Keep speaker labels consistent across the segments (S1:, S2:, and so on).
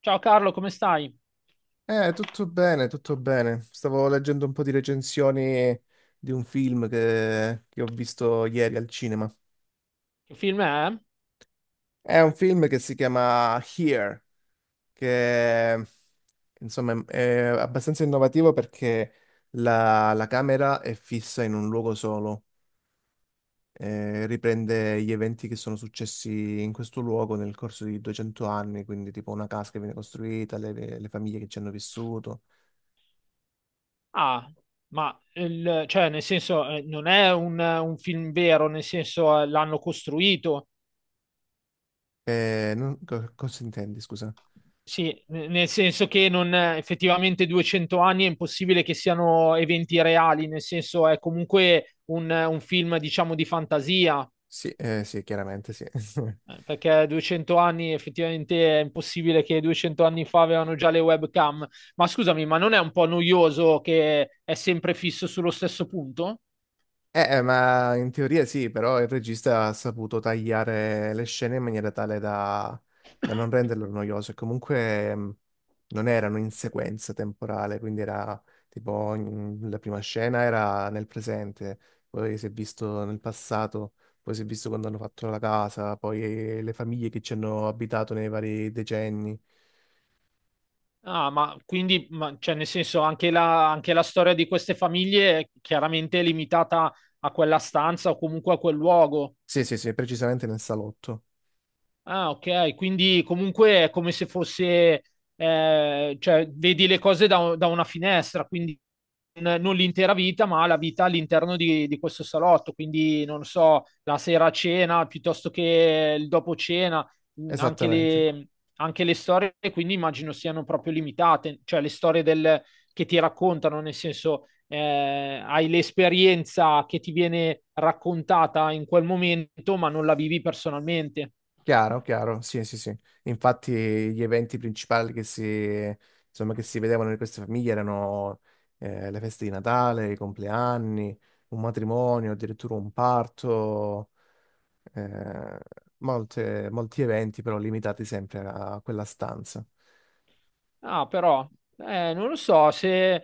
S1: Ciao Carlo, come stai?
S2: Tutto bene, tutto bene. Stavo leggendo un po' di recensioni di un film che ho visto ieri al cinema.
S1: Che film è?
S2: È un film che si chiama Here, che insomma è abbastanza innovativo perché la camera è fissa in un luogo solo, riprende gli eventi che sono successi in questo luogo nel corso di 200 anni, quindi tipo una casa che viene costruita, le famiglie che ci hanno vissuto.
S1: Ah, ma il- cioè, nel senso, non è un film vero, nel senso, l'hanno costruito.
S2: Cosa intendi, scusa?
S1: Nel senso che non, effettivamente 200 anni è impossibile che siano eventi reali, nel senso è comunque un film, diciamo, di fantasia,
S2: Sì, sì, chiaramente sì.
S1: perché 200 anni effettivamente è impossibile che 200 anni fa avevano già le webcam. Ma scusami, ma non è un po' noioso che è sempre fisso sullo stesso punto?
S2: Ma in teoria sì, però il regista ha saputo tagliare le scene in maniera tale da non renderlo noioso. E comunque non erano in sequenza temporale, quindi era tipo la prima scena era nel presente, poi si è visto nel passato, poi si è visto quando hanno fatto la casa, poi le famiglie che ci hanno abitato nei vari decenni.
S1: Ah, ma quindi, cioè, nel senso, anche la storia di queste famiglie è chiaramente limitata a quella stanza o comunque a quel luogo.
S2: Sì, sì, sì, precisamente nel salotto.
S1: Ah, ok, quindi comunque è come se fosse, cioè, vedi le cose da una finestra, quindi non l'intera vita, ma la vita all'interno di questo salotto, quindi non so, la sera a cena piuttosto che il dopo cena, mh, anche
S2: Esattamente.
S1: le, anche le storie, quindi immagino siano proprio limitate, cioè che ti raccontano, nel senso, hai l'esperienza che ti viene raccontata in quel momento, ma non la vivi personalmente.
S2: Chiaro, chiaro, sì, sì, sì. Infatti gli eventi principali insomma, che si vedevano in queste famiglie erano le feste di Natale, i compleanni, un matrimonio, addirittura un parto, eh, molti eventi però limitati sempre a quella stanza.
S1: Ah, però, non lo so, se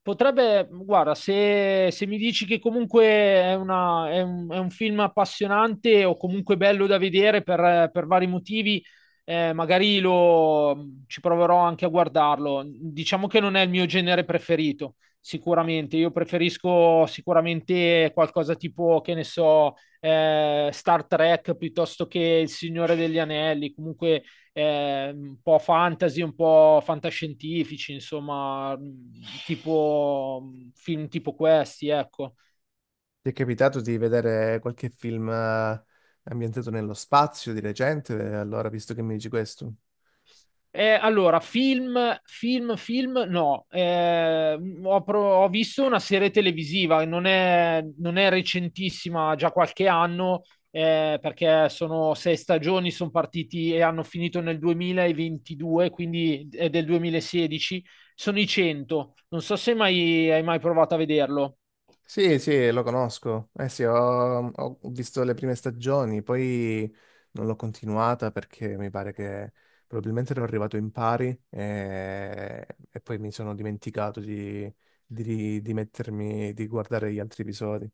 S1: potrebbe, guarda, se mi dici che comunque è è un film appassionante o comunque bello da vedere per vari motivi, eh, magari lo, ci proverò anche a guardarlo. Diciamo che non è il mio genere preferito, sicuramente. Io preferisco sicuramente qualcosa tipo, che ne so, Star Trek piuttosto che Il Signore degli Anelli, comunque un po' fantasy, un po' fantascientifici, insomma, tipo film tipo questi, ecco.
S2: Ti è capitato di vedere qualche film ambientato nello spazio di recente? Allora, visto che mi dici questo.
S1: Allora, film, no. Ho visto una serie televisiva, non è recentissima, ha già qualche anno, perché sono sei stagioni, sono partiti e hanno finito nel 2022, quindi è del 2016. Sono i 100. Non so se mai, hai mai provato a vederlo.
S2: Sì, sì, lo conosco. Eh sì, ho visto le prime stagioni, poi non l'ho continuata perché mi pare che probabilmente ero arrivato in pari e poi mi sono dimenticato di mettermi, di guardare gli altri episodi.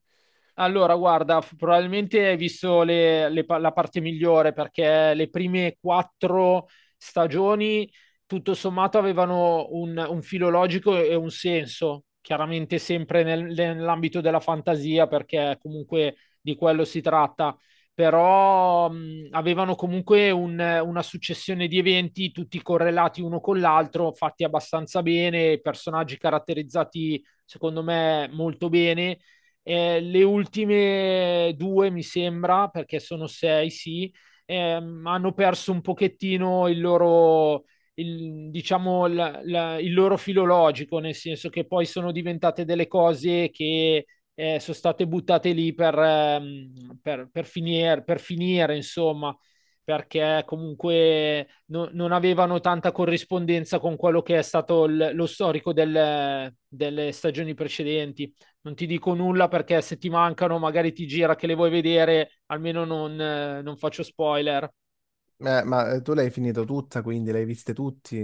S1: Allora, guarda, probabilmente hai visto la parte migliore perché le prime quattro stagioni, tutto sommato, avevano un filo logico e un senso, chiaramente sempre nell'ambito della fantasia, perché comunque di quello si tratta, però avevano comunque una successione di eventi, tutti correlati uno con l'altro, fatti abbastanza bene, personaggi caratterizzati, secondo me, molto bene le ultime due, mi sembra, perché sono sei, sì, hanno perso un pochettino diciamo, il loro filologico, nel senso che poi sono diventate delle cose che sono state buttate lì per finire, insomma, perché comunque non avevano tanta corrispondenza con quello che è stato lo storico delle stagioni precedenti. Non ti dico nulla perché se ti mancano magari ti gira che le vuoi vedere, almeno non, non faccio spoiler.
S2: Ma tu l'hai finito tutta, quindi l'hai viste tutti,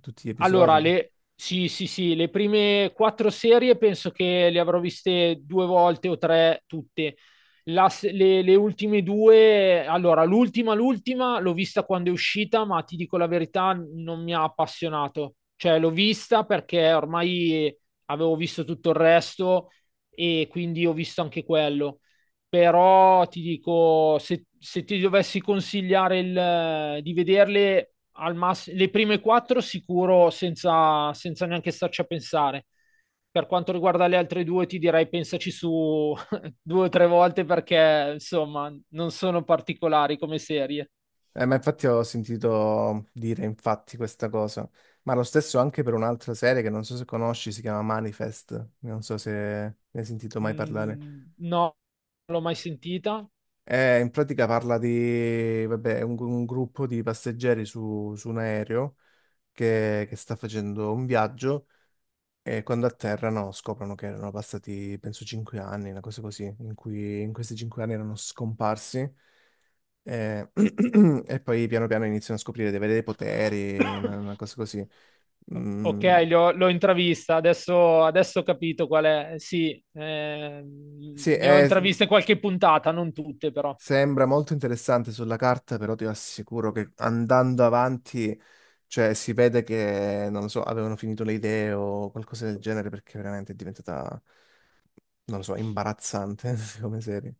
S2: tutti gli
S1: Allora,
S2: episodi?
S1: sì, sì, sì, le prime quattro serie penso che le avrò viste due volte o tre tutte. La se- Le ultime due, allora, l'ultima l'ho vista quando è uscita, ma ti dico la verità, non mi ha appassionato. Cioè, l'ho vista perché ormai avevo visto tutto il resto e quindi ho visto anche quello. Però ti dico, se ti dovessi consigliare di vederle le prime quattro sicuro senza neanche starci a pensare. Per quanto riguarda le altre due, ti direi pensaci su due o tre volte perché, insomma, non sono particolari come serie.
S2: Ma infatti ho sentito dire infatti questa cosa, ma lo stesso anche per un'altra serie che non so se conosci, si chiama Manifest, non so se ne hai sentito mai parlare.
S1: Mm, no, non l'ho mai sentita.
S2: In pratica parla di, vabbè, un gruppo di passeggeri su un aereo che sta facendo un viaggio e quando atterrano scoprono che erano passati, penso, 5 anni, una cosa così, in cui in questi 5 anni erano scomparsi. Eh, e poi piano piano iniziano a scoprire di avere dei poteri, una, una cosa così.
S1: Ok,
S2: Mm,
S1: l'ho intravista, adesso ho capito qual è. Sì,
S2: sì,
S1: ne ho intraviste qualche puntata, non tutte però.
S2: sembra molto interessante sulla carta, però ti assicuro che andando avanti, cioè, si vede che, non lo so, avevano finito le idee o qualcosa del genere, perché veramente è diventata, non lo so, imbarazzante come serie.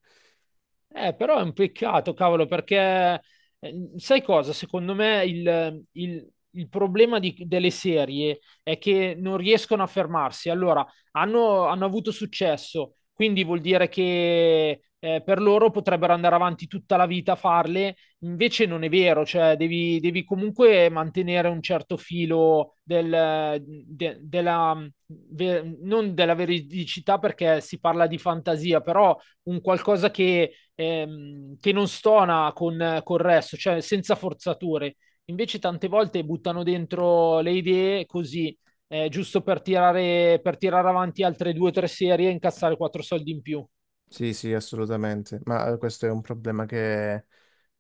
S1: Però è un peccato, cavolo, perché sai cosa? Secondo me il problema delle serie è che non riescono a fermarsi. Allora, hanno avuto successo, quindi vuol dire che per loro potrebbero andare avanti tutta la vita a farle, invece non è vero, cioè devi comunque mantenere un certo filo della, non della veridicità perché si parla di fantasia, però un qualcosa che non stona con il resto, cioè senza forzature. Invece tante volte buttano dentro le idee così, giusto per tirare avanti altre due o tre serie e incassare quattro soldi in più.
S2: Sì, sì, assolutamente, ma questo è un problema che,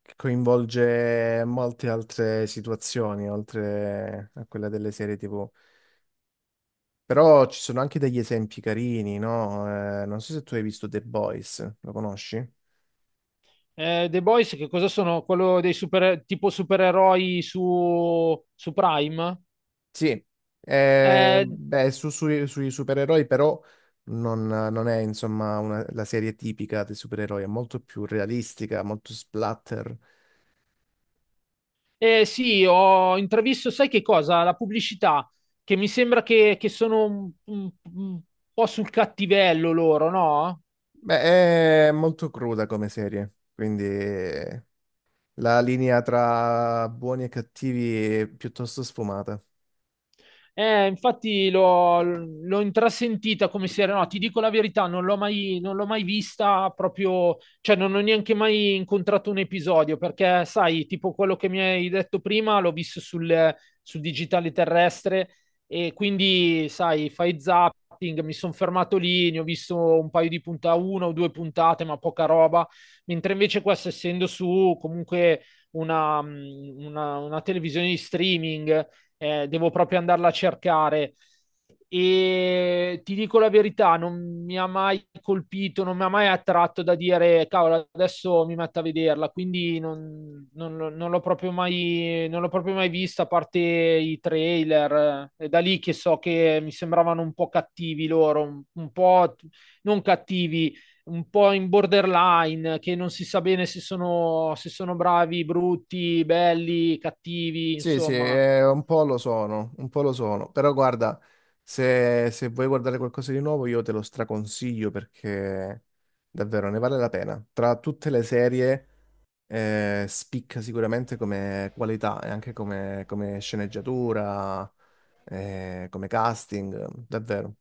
S2: che coinvolge molte altre situazioni, oltre a quella delle serie TV. Però ci sono anche degli esempi carini, no? Non so se tu hai visto The Boys, lo conosci?
S1: The Boys che cosa sono? Quello dei super, tipo supereroi su Prime?
S2: Sì,
S1: Eh,
S2: beh, sui supereroi però non è insomma la serie tipica dei supereroi, è molto più realistica, molto splatter.
S1: sì, ho intravisto, sai che cosa? La pubblicità, che mi sembra che sono un po' sul cattivello loro, no?
S2: Beh, è molto cruda come serie, quindi. La linea tra buoni e cattivi è piuttosto sfumata.
S1: Infatti l'ho intrasentita come serie, no, ti dico la verità, non l'ho mai vista proprio, cioè non ho neanche mai incontrato un episodio, perché sai, tipo quello che mi hai detto prima, l'ho visto sul digitale terrestre e quindi, sai, fai zapping, mi sono fermato lì, ne ho visto un paio di puntate, una o due puntate, ma poca roba, mentre invece questo essendo su comunque una televisione di streaming devo proprio andarla a cercare. E ti dico la verità, non mi ha mai colpito, non mi ha mai attratto da dire, cavolo, adesso mi metto a vederla, quindi non l'ho proprio mai, non l'ho proprio mai vista, a parte i trailer. È da lì che so che mi sembravano un po' cattivi loro, un po' non cattivi, un po' in borderline, che non si sa bene se sono, se sono bravi, brutti, belli, cattivi,
S2: Sì, sì,
S1: insomma.
S2: un po' lo sono, un po' lo sono. Però guarda, se vuoi guardare qualcosa di nuovo, io te lo straconsiglio perché davvero ne vale la pena. Tra tutte le serie, spicca sicuramente come qualità e anche come sceneggiatura, come casting, davvero.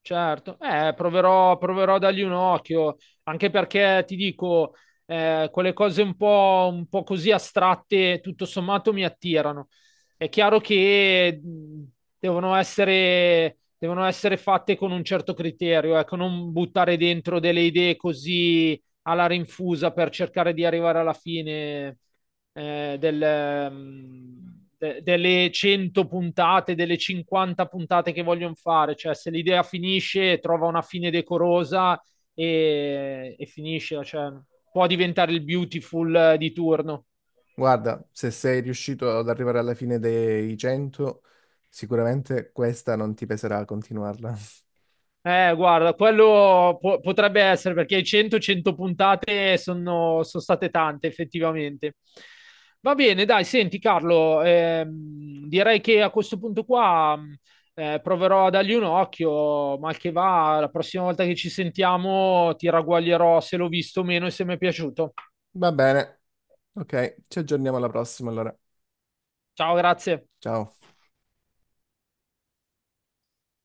S1: Certo, proverò a dargli un occhio, anche perché ti dico, quelle cose un po' così astratte, tutto sommato, mi attirano. È chiaro che devono essere fatte con un certo criterio, ecco, non buttare dentro delle idee così alla rinfusa per cercare di arrivare alla fine delle 100 puntate, delle 50 puntate che vogliono fare, cioè se l'idea finisce, trova una fine decorosa e finisce, cioè, può diventare il beautiful di turno.
S2: Guarda, se sei riuscito ad arrivare alla fine dei 100, sicuramente questa non ti peserà a continuarla.
S1: Guarda, quello potrebbe essere perché 100-100 puntate sono, sono state tante, effettivamente. Va bene, dai, senti Carlo, direi che a questo punto qua proverò a dargli un occhio, mal che va, la prossima volta che ci sentiamo ti ragguaglierò se l'ho visto o meno e se mi è piaciuto.
S2: Va bene, ok, ci aggiorniamo alla prossima allora.
S1: Ciao, grazie.
S2: Ciao.